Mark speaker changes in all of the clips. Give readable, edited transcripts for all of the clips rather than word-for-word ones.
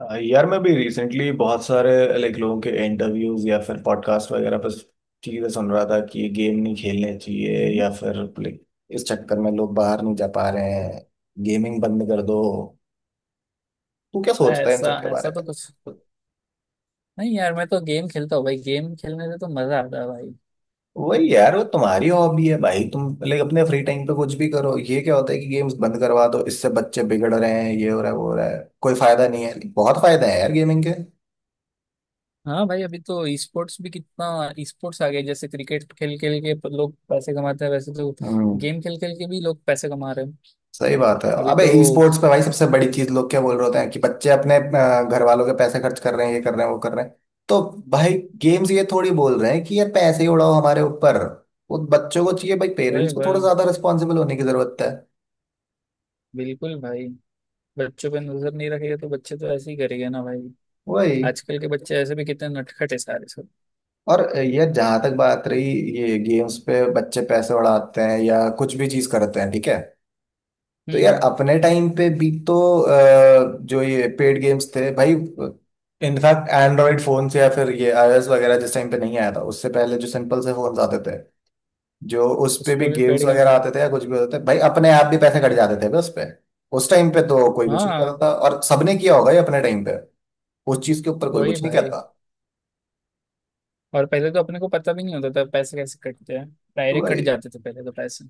Speaker 1: यार मैं भी रिसेंटली बहुत सारे लाइक लोगों के इंटरव्यूज या फिर पॉडकास्ट वगैरह पर चीजें सुन रहा था कि ये गेम नहीं खेलने चाहिए
Speaker 2: हम्म।
Speaker 1: या फिर like, इस चक्कर में लोग बाहर नहीं जा पा रहे हैं, गेमिंग बंद कर दो। तू क्या
Speaker 2: भाई,
Speaker 1: सोचता है इन
Speaker 2: ऐसा
Speaker 1: सब के बारे
Speaker 2: ऐसा तो कुछ
Speaker 1: में?
Speaker 2: नहीं यार, मैं तो गेम खेलता हूँ भाई। गेम खेलने से तो मजा आता है भाई।
Speaker 1: वही यार, वो तुम्हारी हॉबी है भाई, तुम लाइक अपने फ्री टाइम पे कुछ भी करो। ये क्या होता है कि गेम्स बंद करवा दो, इससे बच्चे बिगड़ रहे हैं, ये हो रहा है, वो हो रहा है, कोई फायदा नहीं है। बहुत फायदा है यार गेमिंग
Speaker 2: हाँ भाई, अभी तो ई स्पोर्ट्स भी कितना, ई स्पोर्ट्स आ गए। जैसे क्रिकेट खेल खेल के लोग पैसे कमाते हैं, वैसे तो
Speaker 1: के।
Speaker 2: गेम खेल खेल के भी लोग पैसे कमा रहे हैं।
Speaker 1: सही बात है।
Speaker 2: अभी
Speaker 1: अबे
Speaker 2: तो।
Speaker 1: ई स्पोर्ट्स पे भाई सबसे बड़ी चीज लोग क्या बोल रहे होते हैं कि बच्चे अपने घर वालों के पैसे खर्च कर रहे हैं, ये कर रहे हैं, वो कर रहे हैं। तो भाई गेम्स ये थोड़ी बोल रहे हैं कि यार पैसे ही उड़ाओ हमारे ऊपर। वो बच्चों को चाहिए भाई,
Speaker 2: अरे
Speaker 1: पेरेंट्स को थोड़ा
Speaker 2: भाई,
Speaker 1: ज्यादा रिस्पॉन्सिबल होने की जरूरत है।
Speaker 2: बिल्कुल भाई। बच्चों पे नजर नहीं रखेगा तो बच्चे तो ऐसे ही करेंगे ना भाई।
Speaker 1: वही।
Speaker 2: आजकल के बच्चे ऐसे भी कितने नटखट है सारे सब।
Speaker 1: और ये जहां तक बात रही, ये गेम्स पे बच्चे पैसे उड़ाते हैं या कुछ भी चीज करते हैं, ठीक है। तो यार
Speaker 2: हम्म।
Speaker 1: अपने टाइम पे भी तो जो ये पेड गेम्स थे भाई, इनफैक्ट एंड्रॉइड फोन से या फिर ये आईओएस वगैरह जिस टाइम पे नहीं आया था उससे पहले जो सिंपल से फोन आते थे, जो उस पे
Speaker 2: उस
Speaker 1: भी
Speaker 2: पर भी पेड
Speaker 1: गेम्स
Speaker 2: गेम्स
Speaker 1: वगैरह
Speaker 2: हो।
Speaker 1: आते थे या कुछ भी होते थे भाई, अपने आप भी पैसे कट जाते थे बस पे। उस टाइम पे तो कोई कुछ नहीं कहता
Speaker 2: हाँ।
Speaker 1: था, और सबने किया होगा ये अपने टाइम पे। उस चीज के ऊपर कोई
Speaker 2: वही
Speaker 1: कुछ नहीं
Speaker 2: भाई।
Speaker 1: कहता।
Speaker 2: और पहले तो अपने को पता भी नहीं होता था पैसे कैसे कटते हैं।
Speaker 1: तो
Speaker 2: डायरेक्ट कट
Speaker 1: भाई,
Speaker 2: जाते थे पहले तो पैसे।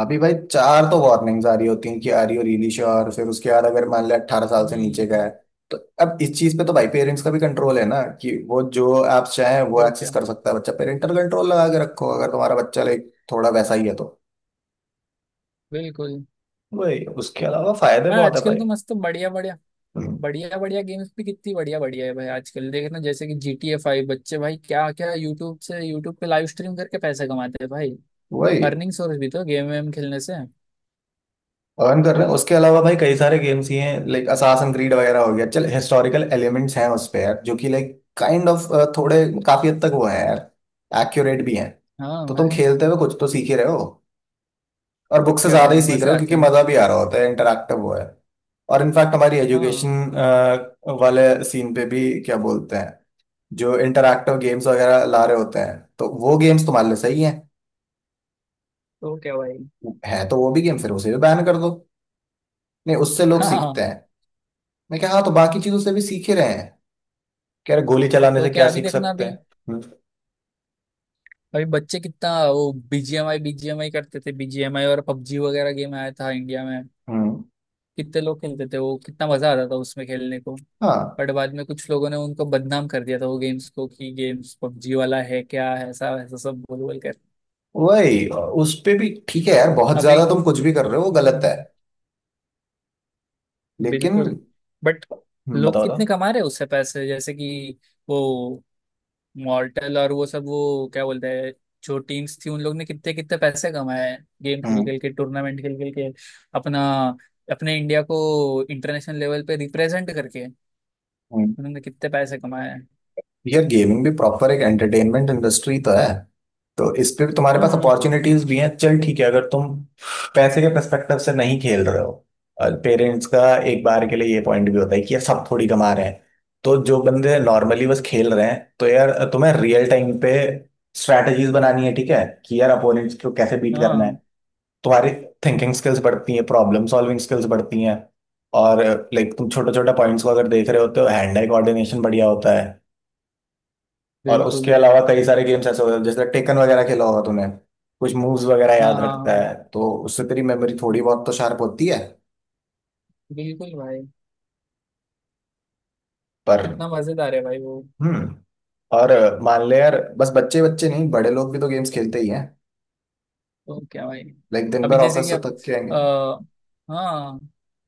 Speaker 1: अभी भाई चार तो वार्निंग्स आ रही होती हैं कि आर यू रियली श्योर, फिर उसके बाद अगर मान लिया 18 साल से नीचे का है
Speaker 2: हम्म।
Speaker 1: तो अब इस चीज पे तो भाई पेरेंट्स का भी कंट्रोल है ना, कि वो जो ऐप्स चाहे वो
Speaker 2: तो
Speaker 1: एक्सेस
Speaker 2: क्या।
Speaker 1: कर सकता है बच्चा। पेरेंटल कंट्रोल लगा के रखो अगर तुम्हारा बच्चा लाइक थोड़ा वैसा ही है तो।
Speaker 2: बिल्कुल।
Speaker 1: वही, उसके अलावा फायदे
Speaker 2: हाँ,
Speaker 1: बहुत है
Speaker 2: आजकल
Speaker 1: भाई।
Speaker 2: तो मस्त बढ़िया बढ़िया।
Speaker 1: हम्म,
Speaker 2: बढ़िया बढ़िया गेम्स भी कितनी बढ़िया बढ़िया है भाई आजकल। देखना जैसे कि जी टी ए फाइव, बच्चे भाई क्या क्या यूट्यूब पे लाइव स्ट्रीम करके पैसे कमाते हैं भाई।
Speaker 1: वही
Speaker 2: अर्निंग सोर्स भी तो गेम वेम खेलने से।
Speaker 1: अर्न कर रहे हैं। उसके अलावा भाई कई सारे गेम्स ही हैं लाइक असासिन क्रीड वगैरह हो गया चल, हिस्टोरिकल एलिमेंट्स हैं उस पे यार, जो कि लाइक काइंड ऑफ थोड़े, काफी हद तक वो है यार, एक्यूरेट भी हैं।
Speaker 2: हाँ
Speaker 1: तो तुम
Speaker 2: भाई।
Speaker 1: खेलते हुए कुछ तो सीख ही रहे हो, और बुक
Speaker 2: तो
Speaker 1: से
Speaker 2: क्या
Speaker 1: ज्यादा
Speaker 2: भाई,
Speaker 1: ही सीख रहे
Speaker 2: मजे
Speaker 1: हो
Speaker 2: आते
Speaker 1: क्योंकि
Speaker 2: हैं।
Speaker 1: मजा भी आ रहा होता है, इंटरेक्टिव वो है। और इनफैक्ट हमारी एजुकेशन
Speaker 2: हाँ।
Speaker 1: वाले सीन पे भी क्या बोलते हैं, जो इंटरेक्टिव गेम्स वगैरह ला रहे होते हैं तो वो गेम्स तुम्हारे लिए सही हैं।
Speaker 2: तो क्या भाई।
Speaker 1: है तो वो भी गेम, फिर उसे भी बैन कर दो। नहीं, उससे लोग सीखते
Speaker 2: हाँ।
Speaker 1: हैं। मैं क्या, हाँ तो बाकी चीजों से भी सीखे रहे हैं। क्या गोली चलाने
Speaker 2: तो
Speaker 1: से
Speaker 2: क्या,
Speaker 1: क्या
Speaker 2: अभी
Speaker 1: सीख
Speaker 2: देखना
Speaker 1: सकते
Speaker 2: अभी,
Speaker 1: हैं? हम्म।
Speaker 2: अभी बच्चे कितना वो बीजीएमआई बीजीएमआई करते थे। बीजीएमआई और पबजी वगैरह गेम आया था इंडिया में।
Speaker 1: हम्म।
Speaker 2: कितने लोग खेलते थे, वो कितना मजा आता था उसमें खेलने को।
Speaker 1: हाँ।
Speaker 2: बट बाद में कुछ लोगों ने उनको बदनाम कर दिया था वो गेम्स को, कि गेम्स पबजी वाला है क्या है, ऐसा ऐसा सब बोल बोल कर।
Speaker 1: वही। उस पे भी ठीक है यार, बहुत
Speaker 2: अभी।
Speaker 1: ज्यादा तुम कुछ भी कर रहे हो वो गलत है।
Speaker 2: हम्म।
Speaker 1: लेकिन
Speaker 2: बिल्कुल। बट। लोग
Speaker 1: बताओ
Speaker 2: कितने
Speaker 1: बताओ।
Speaker 2: कमा रहे हैं उससे पैसे, जैसे कि वो मॉर्टल और वो सब, वो क्या बोलते हैं, जो टीम्स थी उन लोग ने कितने कितने पैसे कमाए हैं गेम खेल
Speaker 1: हम्म।
Speaker 2: खेल के, टूर्नामेंट खेल खेल के। अपना अपने इंडिया को इंटरनेशनल लेवल पे रिप्रेजेंट करके
Speaker 1: हम्म।
Speaker 2: उन्होंने कितने पैसे कमाए हैं।
Speaker 1: यार गेमिंग भी प्रॉपर एक एंटरटेनमेंट इंडस्ट्री तो है, तो इस पे भी तुम्हारे पास
Speaker 2: हम्म।
Speaker 1: अपॉर्चुनिटीज भी हैं। चल ठीक है, अगर तुम पैसे के पर्सपेक्टिव से नहीं खेल रहे हो, पेरेंट्स का एक बार के लिए ये पॉइंट भी होता है कि यार सब थोड़ी कमा रहे हैं। तो जो बंदे नॉर्मली बस खेल रहे हैं, तो यार तुम्हें रियल टाइम पे स्ट्रैटेजीज बनानी है, ठीक है कि यार अपोनेंट्स को कैसे बीट करना है।
Speaker 2: हाँ,
Speaker 1: तुम्हारी थिंकिंग स्किल्स बढ़ती हैं, प्रॉब्लम सॉल्विंग स्किल्स बढ़ती हैं, और लाइक तुम छोटे छोटे पॉइंट्स को अगर देख रहे होते हो हैंड आई कोऑर्डिनेशन बढ़िया होता है। और उसके
Speaker 2: बिल्कुल।
Speaker 1: अलावा कई सारे गेम्स ऐसे होते हैं जैसे टेकन वगैरह, खेला होगा तूने। कुछ मूव्स वगैरह
Speaker 2: हाँ
Speaker 1: याद
Speaker 2: हाँ
Speaker 1: रखता
Speaker 2: हाँ,
Speaker 1: है तो उससे तेरी मेमोरी थोड़ी बहुत तो शार्प होती है।
Speaker 2: बिल्कुल भाई।
Speaker 1: पर,
Speaker 2: कितना मजेदार है भाई वो।
Speaker 1: हम्म और मान ले यार, बस बच्चे बच्चे नहीं बड़े लोग भी तो गेम्स खेलते ही हैं।
Speaker 2: तो क्या भाई।
Speaker 1: लाइक दिन
Speaker 2: अभी
Speaker 1: भर
Speaker 2: जैसे
Speaker 1: ऑफिस
Speaker 2: कि
Speaker 1: से
Speaker 2: अब
Speaker 1: थक के
Speaker 2: अ,
Speaker 1: आएंगे।
Speaker 2: हाँ,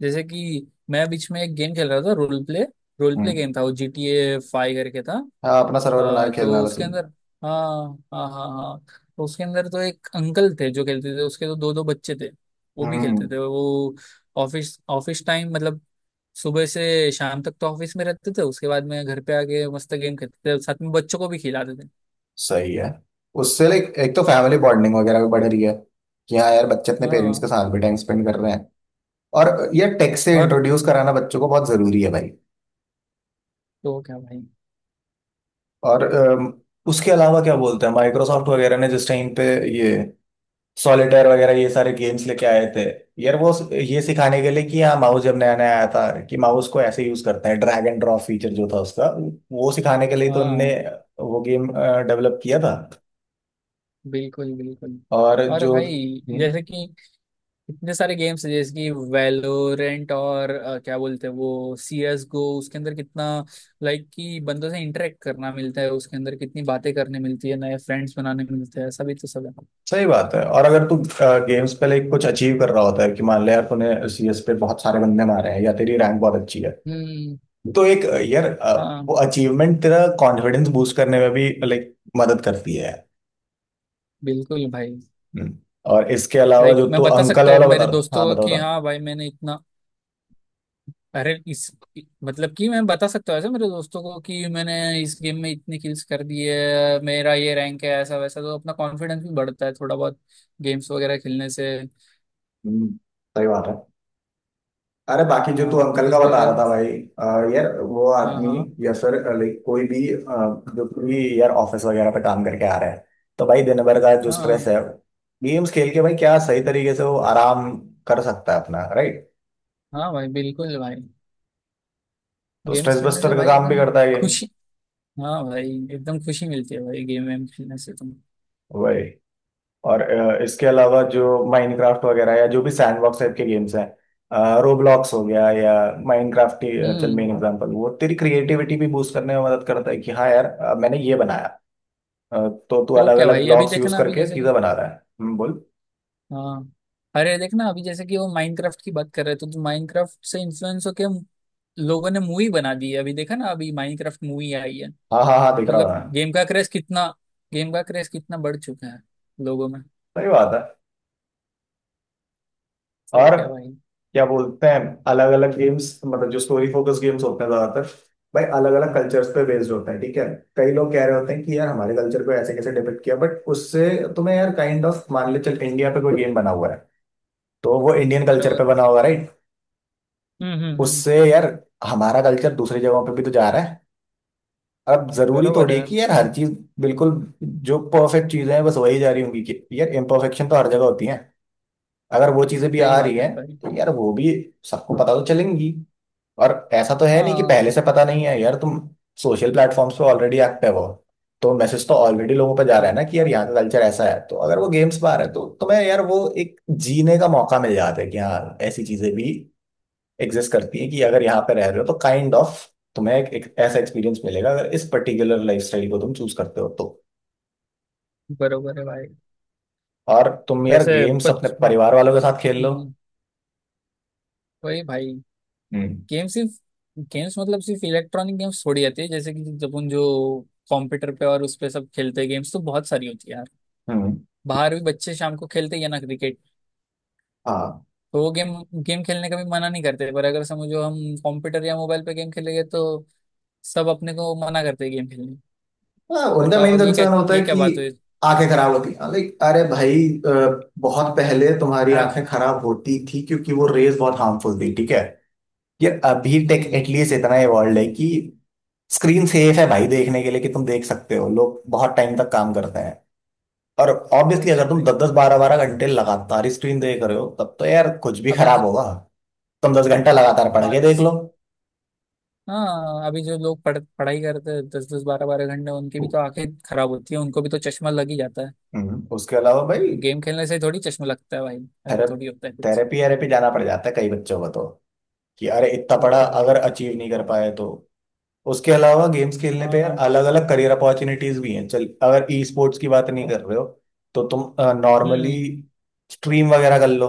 Speaker 2: जैसे कि मैं बीच में एक गेम खेल रहा था, रोल प्ले
Speaker 1: हम्म।
Speaker 2: गेम था वो, जी टी ए फाइव करके था।
Speaker 1: हाँ, अपना सर्वर बना के खेलने
Speaker 2: तो
Speaker 1: वाला
Speaker 2: उसके
Speaker 1: सीन।
Speaker 2: अंदर। हाँ हाँ हाँ। हाँ, तो उसके अंदर तो एक अंकल थे जो खेलते थे, उसके तो दो दो बच्चे थे। वो भी
Speaker 1: हम्म
Speaker 2: खेलते थे वो। ऑफिस ऑफिस टाइम मतलब, सुबह से शाम तक तो ऑफिस में रहते थे, उसके बाद में घर पे आके मस्त गेम खेलते थे, साथ में बच्चों को भी खिलाते थे।
Speaker 1: सही है। उससे लाइक एक तो फैमिली बॉन्डिंग वगैरह भी बढ़ रही है, कि हाँ यार बच्चे अपने पेरेंट्स के
Speaker 2: हाँ।
Speaker 1: साथ भी टाइम स्पेंड कर रहे हैं, और ये टेक से
Speaker 2: और।
Speaker 1: इंट्रोड्यूस कराना बच्चों को बहुत जरूरी है भाई।
Speaker 2: तो क्या भाई।
Speaker 1: और उसके अलावा क्या बोलते हैं, माइक्रोसॉफ्ट वगैरह ने जिस टाइम पे ये सॉलिटेयर वगैरह ये सारे गेम्स लेके आए थे यार, वो ये सिखाने के लिए कि हाँ माउस जब नया नया आया था कि माउस को ऐसे यूज करते हैं, ड्रैग एंड ड्रॉप फीचर जो था उसका, वो सिखाने के लिए तो उनने
Speaker 2: हाँ,
Speaker 1: वो गेम डेवलप किया था।
Speaker 2: बिल्कुल बिल्कुल।
Speaker 1: और
Speaker 2: और
Speaker 1: जो
Speaker 2: भाई, जैसे कि इतने सारे गेम्स हैं, जैसे कि वैलोरेंट और क्या बोलते हैं वो, सी एस गो, उसके अंदर कितना लाइक कि बंदों से इंटरेक्ट करना मिलता है, उसके अंदर कितनी बातें करने मिलती है, नए फ्रेंड्स बनाने मिलते हैं, सभी तो सब है।
Speaker 1: सही बात है। और अगर तू गेम्स पे लाइक कुछ अचीव कर रहा होता है, कि मान ले यार तूने सीएस पे बहुत सारे बंदे मारे हैं या तेरी रैंक बहुत अच्छी है,
Speaker 2: हम्म।
Speaker 1: तो एक यार वो
Speaker 2: हाँ,
Speaker 1: अचीवमेंट तेरा कॉन्फिडेंस बूस्ट करने में भी लाइक मदद करती है।
Speaker 2: बिल्कुल भाई।
Speaker 1: हम्म। और इसके अलावा
Speaker 2: लाइक
Speaker 1: जो
Speaker 2: मैं
Speaker 1: तू
Speaker 2: बता
Speaker 1: अंकल
Speaker 2: सकता
Speaker 1: वाला
Speaker 2: हूँ
Speaker 1: बता
Speaker 2: मेरे
Speaker 1: रहा,
Speaker 2: दोस्तों
Speaker 1: हाँ
Speaker 2: को
Speaker 1: बताओ
Speaker 2: कि
Speaker 1: बता।
Speaker 2: हाँ भाई मैंने इतना। अरे इस, मतलब कि मैं बता सकता हूँ ऐसे मेरे दोस्तों को कि मैंने इस गेम में इतनी किल्स कर दी है, मेरा ये रैंक है, ऐसा वैसा। तो अपना कॉन्फिडेंस भी बढ़ता है थोड़ा बहुत, गेम्स वगैरह खेलने से।
Speaker 1: हम्म, सही बात है। अरे बाकी जो तू
Speaker 2: हाँ, तू
Speaker 1: अंकल
Speaker 2: कुछ
Speaker 1: का
Speaker 2: बोल
Speaker 1: बता
Speaker 2: रहा
Speaker 1: रहा
Speaker 2: था।
Speaker 1: था भाई, यार वो
Speaker 2: हाँ
Speaker 1: आदमी
Speaker 2: हाँ
Speaker 1: या सर लाइक कोई भी जो भी यार ऑफिस वगैरह पे काम करके आ रहा है, तो भाई दिन भर का जो स्ट्रेस
Speaker 2: हाँ।
Speaker 1: है, गेम्स खेल के भाई क्या सही तरीके से वो आराम कर सकता है अपना, राइट।
Speaker 2: हाँ भाई, बिल्कुल भाई।
Speaker 1: तो
Speaker 2: गेम्स
Speaker 1: स्ट्रेस
Speaker 2: खेलने से
Speaker 1: बस्टर का
Speaker 2: भाई
Speaker 1: काम भी
Speaker 2: एकदम
Speaker 1: करता है
Speaker 2: खुशी। हाँ भाई, एकदम खुशी मिलती है भाई गेम वेम खेलने से तुम।
Speaker 1: गेम। और इसके अलावा जो माइनक्राफ्ट वगैरह या जो भी सैंडबॉक्स टाइप के गेम्स हैं, रोब्लॉक्स हो गया या माइनक्राफ्ट, चल
Speaker 2: हम्म।
Speaker 1: मेन एग्जांपल, वो तेरी क्रिएटिविटी भी बूस्ट करने में मदद करता है कि हाँ यार मैंने ये बनाया, अ, तो तू
Speaker 2: तो
Speaker 1: अलग
Speaker 2: क्या
Speaker 1: अलग
Speaker 2: भाई, अभी
Speaker 1: ब्लॉक्स यूज
Speaker 2: देखना अभी
Speaker 1: करके
Speaker 2: जैसे
Speaker 1: चीजें
Speaker 2: कि।
Speaker 1: बना रहा है। बोल।
Speaker 2: हाँ, अरे देखना अभी, जैसे कि वो माइनक्राफ्ट की बात कर रहे थे, तो माइनक्राफ्ट से इन्फ्लुएंस होके लोगों ने मूवी बना दी है। अभी देखा ना, अभी माइनक्राफ्ट मूवी आई है।
Speaker 1: हाँ हाँ हाँ, दिख रहा
Speaker 2: मतलब
Speaker 1: है।
Speaker 2: गेम का क्रेज कितना, बढ़ चुका है लोगों में।
Speaker 1: सही बात है।
Speaker 2: तो
Speaker 1: और
Speaker 2: क्या भाई।
Speaker 1: क्या बोलते हैं, अलग अलग गेम्स मतलब जो स्टोरी फोकस गेम्स होते हैं ज्यादातर भाई अलग अलग कल्चर्स पे बेस्ड होता है, ठीक है। कई लोग कह रहे होते हैं कि यार हमारे कल्चर को ऐसे कैसे डिपिक्ट किया, बट उससे तुम्हें यार काइंड ऑफ, मान ले चल इंडिया पे कोई गेम बना हुआ है तो वो इंडियन कल्चर पे
Speaker 2: बराबर।
Speaker 1: बना हुआ, राइट।
Speaker 2: हम्म।
Speaker 1: उससे यार हमारा कल्चर दूसरी जगहों पे भी तो जा रहा है। अब जरूरी
Speaker 2: बराबर
Speaker 1: थोड़ी है
Speaker 2: है।
Speaker 1: कि यार हर चीज, बिल्कुल, जो परफेक्ट चीजें हैं बस वही जा रही होंगी, कि यार इम्परफेक्शन तो हर जगह होती है। अगर वो चीजें भी
Speaker 2: सही
Speaker 1: आ रही
Speaker 2: बात है
Speaker 1: हैं
Speaker 2: भाई।
Speaker 1: तो यार वो भी सबको पता तो चलेंगी। और ऐसा तो है नहीं कि
Speaker 2: हाँ,
Speaker 1: पहले से पता नहीं है, यार तुम सोशल प्लेटफॉर्म्स पे ऑलरेडी एक्टिव हो। तो मैसेज तो ऑलरेडी लोगों पे जा
Speaker 2: तो
Speaker 1: रहा है ना, कि यार यहाँ का कल्चर ऐसा है। तो अगर वो गेम्स बाहर है तो तुम्हें यार वो एक जीने का मौका मिल जाता है कि हाँ ऐसी चीजें भी एग्जिस्ट करती हैं, कि अगर यहाँ पे रह रहे हो तो काइंड kind ऑफ तुम्हें एक ऐसा एक्सपीरियंस मिलेगा अगर इस पर्टिकुलर लाइफस्टाइल को तुम चूज करते हो तो।
Speaker 2: बरोबर है भाई।
Speaker 1: और तुम यार
Speaker 2: वैसे।
Speaker 1: गेम्स अपने
Speaker 2: पच
Speaker 1: परिवार वालों के साथ खेल लो।
Speaker 2: हम्म, वही भाई।
Speaker 1: हम्म।
Speaker 2: गेम सिर्फ गेम्स मतलब, सिर्फ इलेक्ट्रॉनिक गेम्स थोड़ी आती है। जैसे कि जब उन जो कंप्यूटर पे और उस पे सब खेलते हैं, गेम्स तो बहुत सारी होती है यार।
Speaker 1: हम्म।
Speaker 2: बाहर भी बच्चे शाम को खेलते ही है ना, क्रिकेट।
Speaker 1: हाँ।
Speaker 2: तो वो गेम गेम खेलने का भी मना नहीं करते, पर अगर समझो हम कंप्यूटर या मोबाइल पे गेम खेलेंगे तो सब अपने को मना करते हैं गेम खेलने।
Speaker 1: हाँ। उनका
Speaker 2: बताओ,
Speaker 1: मेन
Speaker 2: अब
Speaker 1: कंसर्न होता है
Speaker 2: ये क्या
Speaker 1: कि
Speaker 2: बात हुई।
Speaker 1: आंखें खराब होती हैं, लाइक अरे भाई, बहुत पहले तुम्हारी
Speaker 2: आंख
Speaker 1: आंखें खराब होती थी क्योंकि वो रेज बहुत हार्मफुल थी, ठीक है। ये अभी टेक
Speaker 2: हम्म।
Speaker 1: एटलीस्ट इतना इवॉल्व है कि स्क्रीन सेफ है भाई देखने के लिए, कि तुम देख सकते हो, लोग बहुत टाइम तक काम करते हैं। और
Speaker 2: तो
Speaker 1: ऑब्वियसली
Speaker 2: क्या
Speaker 1: अगर तुम दस
Speaker 2: भाई,
Speaker 1: दस बारह बारह घंटे लगातार ही स्क्रीन देख रहे हो तब तो यार कुछ भी
Speaker 2: अभी
Speaker 1: खराब
Speaker 2: जी-
Speaker 1: होगा। तुम 10 घंटा लगातार पढ़ के
Speaker 2: बात
Speaker 1: देख लो।
Speaker 2: हाँ, अभी जो लोग पढ़ पढ़ाई करते हैं दस दस बारह बारह घंटे, उनकी भी तो आंखें खराब होती है, उनको भी तो चश्मा लग ही जाता है।
Speaker 1: उसके अलावा भाई
Speaker 2: तो गेम खेलने से थोड़ी चश्मा लगता है भाई, ऐसा
Speaker 1: थेरेप
Speaker 2: थोड़ी होता है कुछ।
Speaker 1: थेरेपी जाना पड़ जाता है कई बच्चों को तो, कि अरे इतना
Speaker 2: तो
Speaker 1: पढ़ा
Speaker 2: क्या भाई।
Speaker 1: अगर अचीव नहीं कर पाए तो। उसके अलावा गेम्स खेलने
Speaker 2: हाँ
Speaker 1: पे
Speaker 2: ना।
Speaker 1: यार अलग अलग करियर अपॉर्चुनिटीज भी हैं चल, अगर ई स्पोर्ट्स की बात नहीं कर रहे हो तो तुम नॉर्मली
Speaker 2: हम्म।
Speaker 1: स्ट्रीम वगैरह कर लो,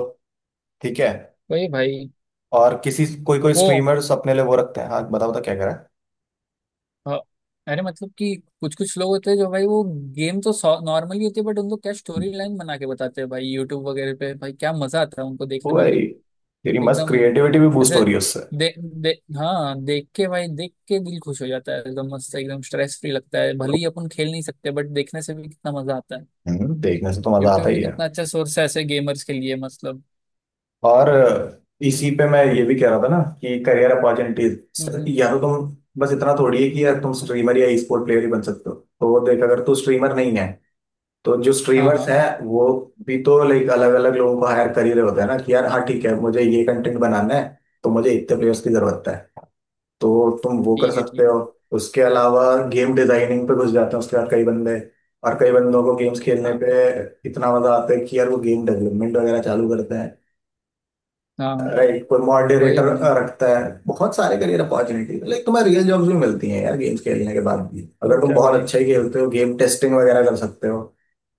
Speaker 1: ठीक है।
Speaker 2: वही भाई।
Speaker 1: और किसी कोई कोई
Speaker 2: वो
Speaker 1: स्ट्रीमर्स अपने लिए वो रखते हैं। हाँ बताओ, तो क्या कह रहा है।
Speaker 2: अ, अरे मतलब कि कुछ कुछ लोग होते हैं जो भाई, वो गेम तो नॉर्मली होती है, बट उनको क्या स्टोरी लाइन बना के बताते हैं भाई यूट्यूब वगैरह पे, भाई क्या मजा आता है उनको
Speaker 1: वो
Speaker 2: देखने में
Speaker 1: भाई
Speaker 2: भी।
Speaker 1: तेरी मस्त
Speaker 2: एकदम
Speaker 1: क्रिएटिविटी भी बूस्ट
Speaker 2: ऐसे
Speaker 1: हो रही है उससे।
Speaker 2: दे, दे, हाँ देख के भाई, देख के दिल खुश हो जाता है, एकदम मस्त, एकदम स्ट्रेस फ्री लगता है। भले ही अपन खेल नहीं सकते, बट देखने से भी कितना मजा आता है।
Speaker 1: देखने से तो मजा आता
Speaker 2: यूट्यूब भी
Speaker 1: ही है।
Speaker 2: कितना अच्छा सोर्स है ऐसे गेमर्स के लिए, मतलब।
Speaker 1: और इसी पे मैं ये भी कह रहा था ना कि करियर अपॉर्चुनिटीज,
Speaker 2: हम्म।
Speaker 1: या तो तुम बस इतना थोड़ी है कि यार तुम स्ट्रीमर या ई स्पोर्ट प्लेयर ही बन सकते हो। तो देख, अगर तू स्ट्रीमर नहीं है तो जो
Speaker 2: हाँ
Speaker 1: स्ट्रीमर्स
Speaker 2: हाँ।
Speaker 1: हैं वो भी तो लाइक अलग अलग लोगों को हायर कर ही रहे होते हैं ना, कि यार हाँ ठीक है मुझे ये कंटेंट बनाना है, तो मुझे इतने प्लेयर्स की जरूरत है, तो तुम वो कर
Speaker 2: ठीक है
Speaker 1: सकते
Speaker 2: ठीक है।
Speaker 1: हो। उसके अलावा गेम डिजाइनिंग पे घुस जाते हैं उसके बाद कई बंदे। और कई बंदों को गेम्स खेलने
Speaker 2: हाँ
Speaker 1: पे इतना मजा आता है कि यार वो गेम डेवलपमेंट वगैरह चालू करते हैं,
Speaker 2: हाँ हाँ।
Speaker 1: राइट। कोई
Speaker 2: वही
Speaker 1: मॉडरेटर
Speaker 2: भाई।
Speaker 1: रखता है। बहुत सारे करियर अपॉर्चुनिटी लाइक तुम्हें रियल जॉब्स भी मिलती हैं यार, गेम्स खेलने के बाद भी
Speaker 2: तो
Speaker 1: अगर तुम
Speaker 2: क्या
Speaker 1: बहुत
Speaker 2: भाई।
Speaker 1: अच्छे ही खेलते हो गेम टेस्टिंग वगैरह कर सकते हो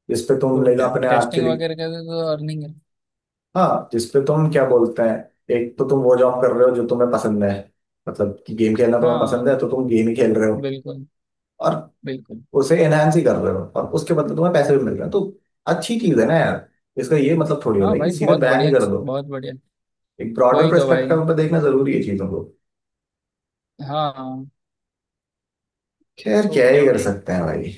Speaker 1: जिसपे तुम
Speaker 2: तो
Speaker 1: लाइक
Speaker 2: क्या,
Speaker 1: अपने
Speaker 2: टेस्टिंग
Speaker 1: एक्चुअली,
Speaker 2: वगैरह का भी तो अर्निंग है।
Speaker 1: हाँ जिसपे तुम क्या बोलते हैं, एक तो तुम वो जॉब कर रहे हो जो तुम्हें पसंद है, मतलब कि गेम खेलना तुम्हें पसंद है
Speaker 2: हाँ,
Speaker 1: तो तुम गेम ही खेल रहे हो
Speaker 2: बिल्कुल
Speaker 1: और
Speaker 2: बिल्कुल।
Speaker 1: उसे एनहांस ही कर रहे हो, और उसके बदले तुम्हें पैसे भी मिल रहे हैं। तो अच्छी चीज है ना यार। इसका ये मतलब थोड़ी होता
Speaker 2: हाँ
Speaker 1: है कि
Speaker 2: भाई,
Speaker 1: सीधे
Speaker 2: बहुत
Speaker 1: बैन ही
Speaker 2: बढ़िया
Speaker 1: कर दो।
Speaker 2: बहुत बढ़िया।
Speaker 1: एक ब्रॉडर
Speaker 2: वही तो भाई।
Speaker 1: परस्पेक्टिव पे देखना जरूरी है चीजों को।
Speaker 2: हाँ हाँ।
Speaker 1: खैर
Speaker 2: तो
Speaker 1: क्या
Speaker 2: क्या
Speaker 1: ही कर
Speaker 2: भाई,
Speaker 1: सकते हैं भाई।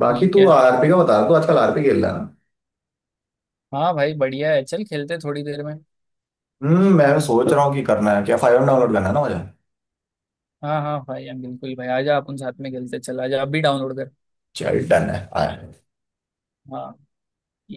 Speaker 1: बाकी
Speaker 2: ठीक
Speaker 1: तू
Speaker 2: है।
Speaker 1: आरपी का बता, तू आजकल आरपी खेल रहा है ना।
Speaker 2: हाँ भाई, बढ़िया है, चल खेलते हैं थोड़ी देर में।
Speaker 1: मैं सोच रहा हूँ कि करना है, क्या फाइव डाउनलोड करना है ना मुझे।
Speaker 2: हाँ हाँ भाई, हम बिल्कुल भाई, आजा अपन साथ में खेलते हैं। चल आजा, आप भी डाउनलोड कर।
Speaker 1: चल डन है आया।
Speaker 2: हाँ।